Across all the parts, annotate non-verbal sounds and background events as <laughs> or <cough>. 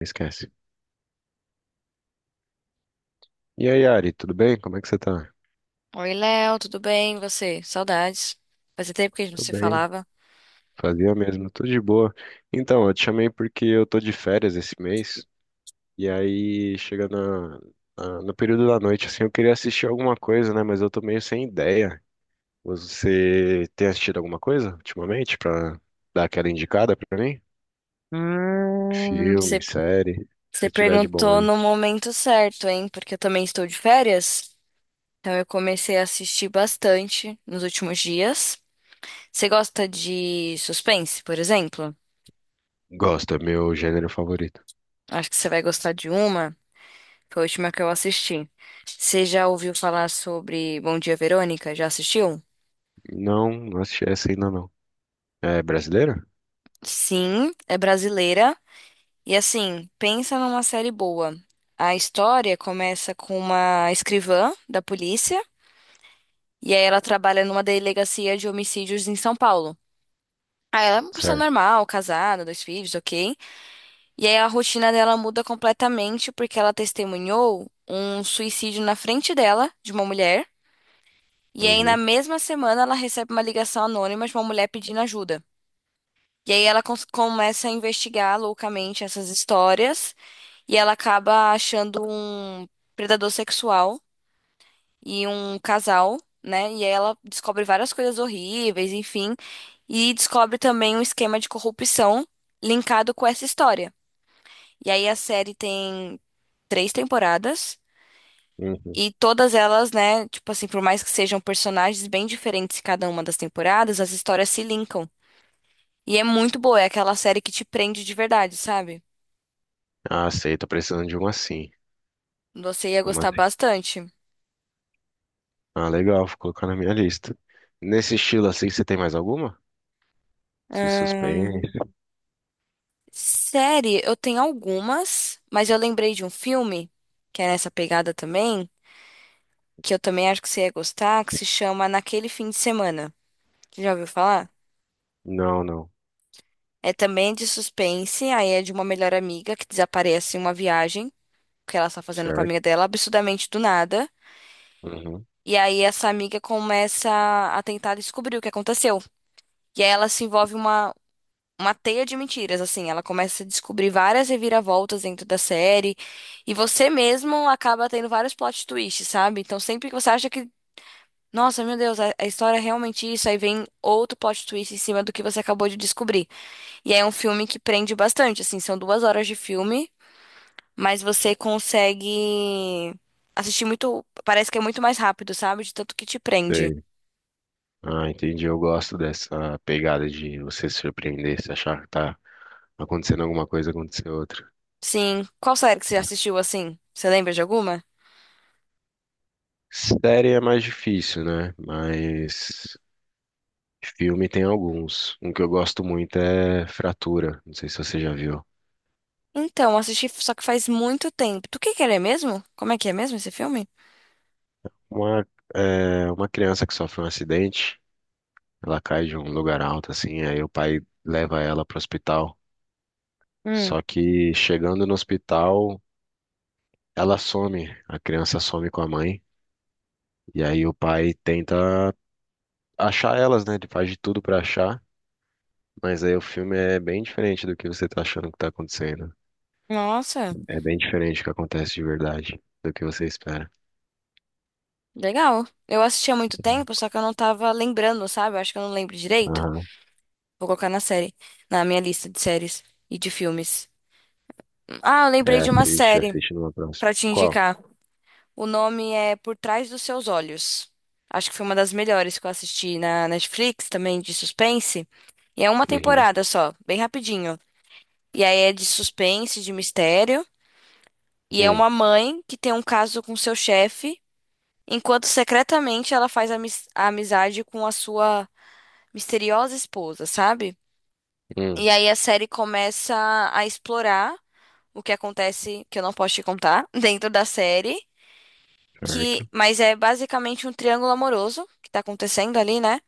Esquece. E aí, Ari, tudo bem? Como é que você tá? Oi, Léo, tudo bem? E você? Saudades. Fazia tempo que a gente não Tudo se bem. falava. Fazia mesmo, tudo de boa. Então, eu te chamei porque eu tô de férias esse mês, e aí chega no período da noite, assim, eu queria assistir alguma coisa, né? Mas eu tô meio sem ideia. Você tem assistido alguma coisa ultimamente pra dar aquela indicada pra mim? Hum, você Filme, série, o que você você tiver de bom perguntou aí. no momento certo, hein? Porque eu também estou de férias. Então eu comecei a assistir bastante nos últimos dias. Você gosta de suspense, por exemplo? Gosto, é meu gênero favorito. Acho que você vai gostar de uma. Foi a última que eu assisti. Você já ouviu falar sobre Bom Dia, Verônica? Já assistiu? Não, não assisti essa ainda não. É brasileira? Sim, é brasileira. E assim, pensa numa série boa. A história começa com uma escrivã da polícia, e aí ela trabalha numa delegacia de homicídios em São Paulo. Aí ela é uma pessoa Certo. normal, casada, dois filhos, ok? E aí a rotina dela muda completamente porque ela testemunhou um suicídio na frente dela, de uma mulher. E aí na Uhum. mesma semana ela recebe uma ligação anônima de uma mulher pedindo ajuda. E aí ela começa a investigar loucamente essas histórias e ela acaba achando um predador sexual e um casal, né? E aí ela descobre várias coisas horríveis, enfim, e descobre também um esquema de corrupção linkado com essa história. E aí a série tem três temporadas. Uhum. E todas elas, né, tipo assim, por mais que sejam personagens bem diferentes em cada uma das temporadas, as histórias se linkam. E é muito boa, é aquela série que te prende de verdade, sabe? Ah, sei, tô precisando de uma sim. Você ia Uma gostar sim. bastante. Ah, legal, vou colocar na minha lista. Nesse estilo assim, você tem mais alguma? Se Ahn, suspense? série, eu tenho algumas, mas eu lembrei de um filme, que é nessa pegada também, que eu também acho que você ia gostar, que se chama Naquele Fim de Semana. Você já ouviu falar? Não, não. É também de suspense, aí é de uma melhor amiga que desaparece em uma viagem, que ela está fazendo com a Certo? amiga dela, absurdamente do nada. Uhum. E aí essa amiga começa a tentar descobrir o que aconteceu. E aí ela se envolve uma teia de mentiras, assim. Ela começa a descobrir várias reviravoltas dentro da série e você mesmo acaba tendo vários plot twists, sabe? Então sempre que você acha que, nossa, meu Deus, a história é realmente isso, aí vem outro plot twist em cima do que você acabou de descobrir. E aí é um filme que prende bastante, assim, são duas horas de filme, mas você consegue assistir muito, parece que é muito mais rápido, sabe? De tanto que te prende. Sei. Ah, entendi. Eu gosto dessa pegada de você se surpreender, se achar que tá acontecendo alguma coisa, acontecer outra. Sim. Qual série que você assistiu assim? Você lembra de alguma? Série é mais difícil, né? Mas filme tem alguns. Um que eu gosto muito é Fratura. Não sei se você já viu. Então, assisti só que faz muito tempo. Do que ele é mesmo? Como é que é mesmo esse filme? Uma, uma criança que sofre um acidente. Ela cai de um lugar alto, assim, aí o pai leva ela pro hospital. Hum, Só que chegando no hospital, ela some, a criança some com a mãe, e aí o pai tenta achar elas, né? Ele faz de tudo pra achar, mas aí o filme é bem diferente do que você tá achando que tá acontecendo. nossa, É bem diferente do que acontece de verdade, do que você espera. legal. Eu assisti há muito tempo, só que eu não tava lembrando, sabe? Eu acho que eu não lembro direito. Aham. Vou colocar na série, na minha lista de séries e de filmes. Ah, eu lembrei de uma Assiste, série assiste numa próxima. pra te Qual? indicar. O nome é Por Trás dos Seus Olhos. Acho que foi uma das melhores que eu assisti na Netflix, também de suspense. E é uma Uhum. temporada só, bem rapidinho. E aí é de suspense, de mistério. E é Hum, uma mãe que tem um caso com seu chefe, enquanto secretamente ela faz a amizade com a sua misteriosa esposa, sabe? hum, E aí a série começa a explorar o que acontece, que eu não posso te contar, <laughs> dentro da série, que certo. mas é basicamente um triângulo amoroso que tá acontecendo ali, né?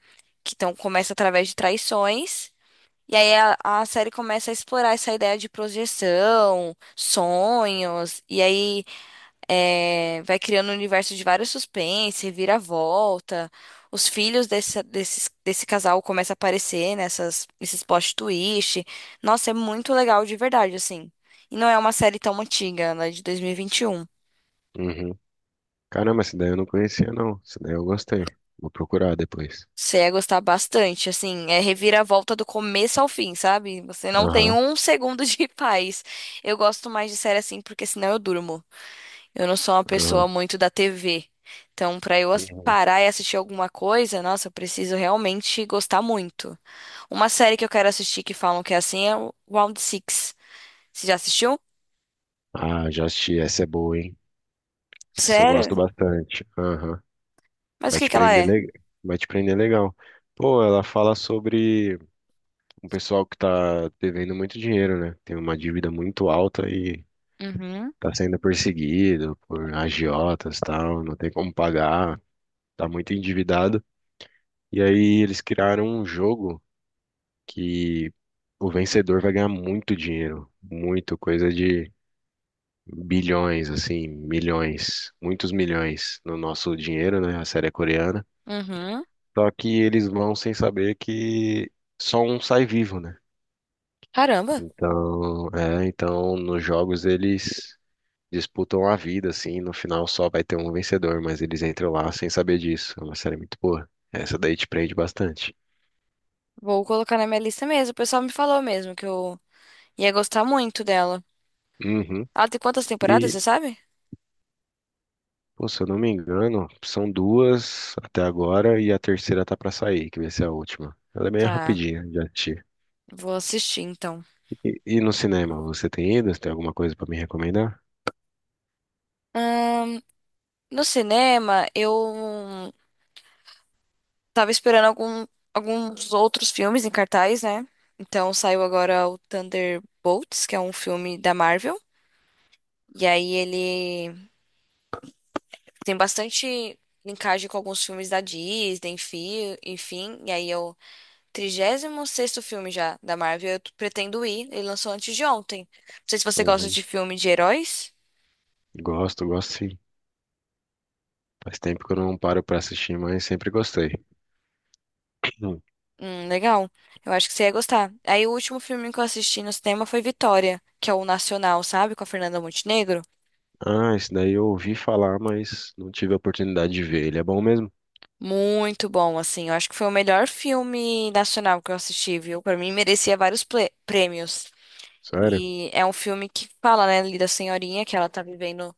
Que então começa através de traições. E aí a série começa a explorar essa ideia de projeção, sonhos, e aí é, vai criando um universo de vários suspense, reviravolta. Os filhos desse casal começam a aparecer nesses plot twist. Nossa, é muito legal de verdade, assim. E não é uma série tão antiga, ela é de 2021. Uhum. Caramba, essa daí eu não conhecia, não. Essa daí eu gostei. Vou procurar depois. Você ia gostar bastante, assim, é reviravolta do começo ao fim, sabe? Você não tem Aham, um segundo de <laughs> paz. Eu gosto mais de série assim, porque senão eu durmo. Eu não sou uma pessoa aham. muito da TV. Então, pra eu Uhum. parar e assistir alguma coisa, nossa, eu preciso realmente gostar muito. Uma série que eu quero assistir que falam que é assim é o Round Six. Você já assistiu? Ah, já assisti. Essa é boa, hein? Essa eu gosto Sério? bastante. Aham. Mas o Vai que te que ela prender, é? le... Vai te prender legal. Pô, ela fala sobre um pessoal que tá devendo muito dinheiro, né? Tem uma dívida muito alta e Uhum, tá sendo perseguido por agiotas e tal, não tem como pagar, tá muito endividado. E aí eles criaram um jogo que o vencedor vai ganhar muito dinheiro, muito coisa de bilhões, assim, milhões, muitos milhões no nosso dinheiro, né? A série é coreana. uhum. Só que eles vão sem saber que só um sai vivo, né? Caramba, Então nos jogos eles disputam a vida, assim, no final só vai ter um vencedor, mas eles entram lá sem saber disso. É uma série muito boa. Essa daí te prende bastante. vou colocar na minha lista mesmo. O pessoal me falou mesmo que eu ia gostar muito dela. Uhum. Ela tem quantas temporadas, E, você sabe? Pô, se eu não me engano, são duas até agora e a terceira tá pra sair, que vai ser a última. Ela é meio Tá, rapidinha de assistir. vou assistir então. E no cinema, você tem ido? Você tem alguma coisa pra me recomendar? Ahn, no cinema, eu. Tava esperando alguns outros filmes em cartaz, né? Então saiu agora o Thunderbolts, que é um filme da Marvel. E aí ele tem bastante linkagem com alguns filmes da Disney, enfim. E aí é o 36º filme já da Marvel. Eu pretendo ir. Ele lançou antes de ontem. Não sei se você gosta Uhum. de filme de heróis. Gosto, gosto sim. Faz tempo que eu não paro pra assistir, mas sempre gostei. <clears throat> Hum. Legal. Eu acho que você ia gostar. Aí o último filme que eu assisti no cinema foi Vitória, que é o Nacional, sabe? Com a Fernanda Montenegro. Ah, esse daí eu ouvi falar, mas não tive a oportunidade de ver. Ele é bom mesmo? Muito bom, assim. Eu acho que foi o melhor filme nacional que eu assisti, viu? Pra mim, merecia vários prêmios. Sério? E é um filme que fala, né, ali da senhorinha que ela tá vivendo,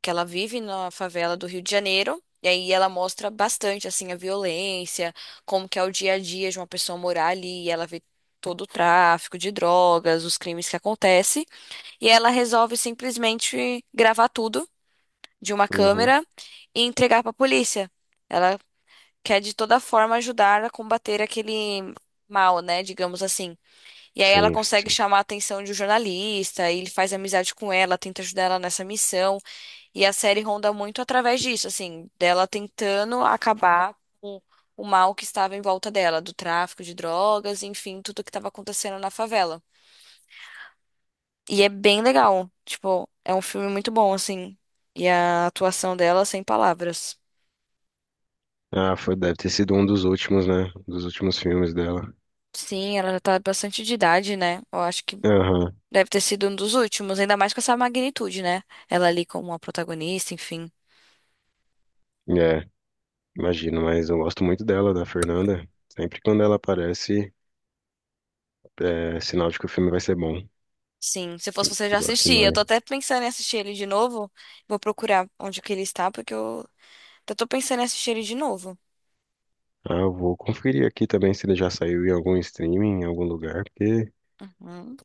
que ela vive na favela do Rio de Janeiro. E aí ela mostra bastante, assim, a violência, como que é o dia a dia de uma pessoa morar ali. E ela vê todo o tráfico de drogas, os crimes que acontecem. E ela resolve simplesmente gravar tudo de uma Uhum. câmera e entregar pra polícia. Ela quer de toda forma ajudar a combater aquele mal, né, digamos assim. E aí ela Sim, consegue sim. chamar a atenção de um jornalista, e ele faz amizade com ela, tenta ajudar ela nessa missão, e a série ronda muito através disso, assim, dela tentando acabar com o mal que estava em volta dela, do tráfico de drogas, enfim, tudo que estava acontecendo na favela. E é bem legal, tipo, é um filme muito bom, assim, e a atuação dela sem palavras. Ah, foi, deve ter sido um dos últimos, né? Um dos últimos filmes dela. Sim, ela já tá bastante de idade, né? Eu acho. Aham. Deve ter sido um dos últimos, ainda mais com essa magnitude, né? Ela ali como uma protagonista, enfim. É, Imagino, mas eu gosto muito dela, da Fernanda. Sempre quando ela aparece, é sinal de que o filme vai ser bom. Sim, se fosse você Eu já gosto assistia. Eu tô demais. até pensando em assistir ele de novo. Vou procurar onde que ele está, porque eu até tô pensando em assistir ele de novo. Ah, eu vou conferir aqui também se ele já saiu em algum streaming, em algum lugar, Uhum.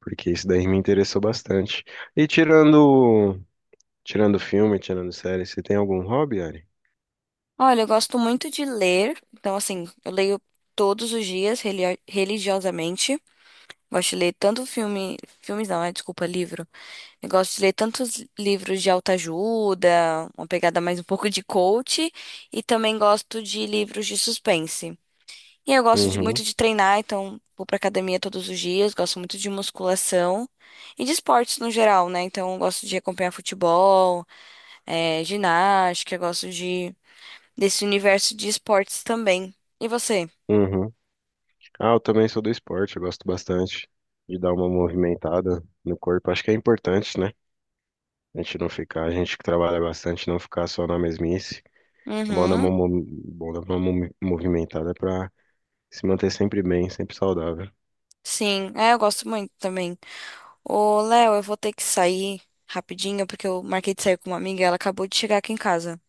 porque isso daí me interessou bastante. E tirando, Tirando filme, tirando série, você tem algum hobby, Ari? Olha, eu gosto muito de ler. Então, assim, eu leio todos os dias, religiosamente. Gosto de ler tanto filme. Filmes não, é, desculpa, livro. Eu gosto de ler tantos livros de autoajuda, uma pegada mais um pouco de coach, e também gosto de livros de suspense. E eu gosto Uhum, muito de treinar, então vou pra academia todos os dias, gosto muito de musculação e de esportes no geral, né? Então eu gosto de acompanhar futebol, ginástica, eu gosto de desse universo de esportes também. E você? uhum. Ah, eu também sou do esporte, eu gosto bastante de dar uma movimentada no corpo. Acho que é importante, né? A gente que trabalha bastante, não ficar só na mesmice. É bom dar uma, Uhum, mo- Bom dar uma movimentada pra se manter sempre bem, sempre saudável. sim, é, eu gosto muito também. Ô, Léo, eu vou ter que sair rapidinho, porque eu marquei de sair com uma amiga e ela acabou de chegar aqui em casa,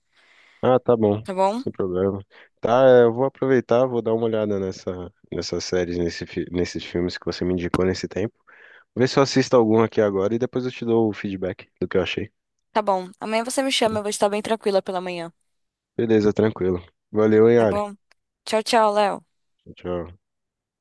Ah, tá bom, tá bom? sem problema. Eu vou aproveitar, vou dar uma olhada nessas séries, nesses filmes que você me indicou nesse tempo. Vê se eu assisto algum aqui agora e depois eu te dou o feedback do que eu achei. Tá bom. Amanhã você me chama, eu vou estar bem tranquila pela manhã, Beleza, tranquilo. Valeu, hein, tá Ari. bom? Tchau, tchau, Léo. Tchau.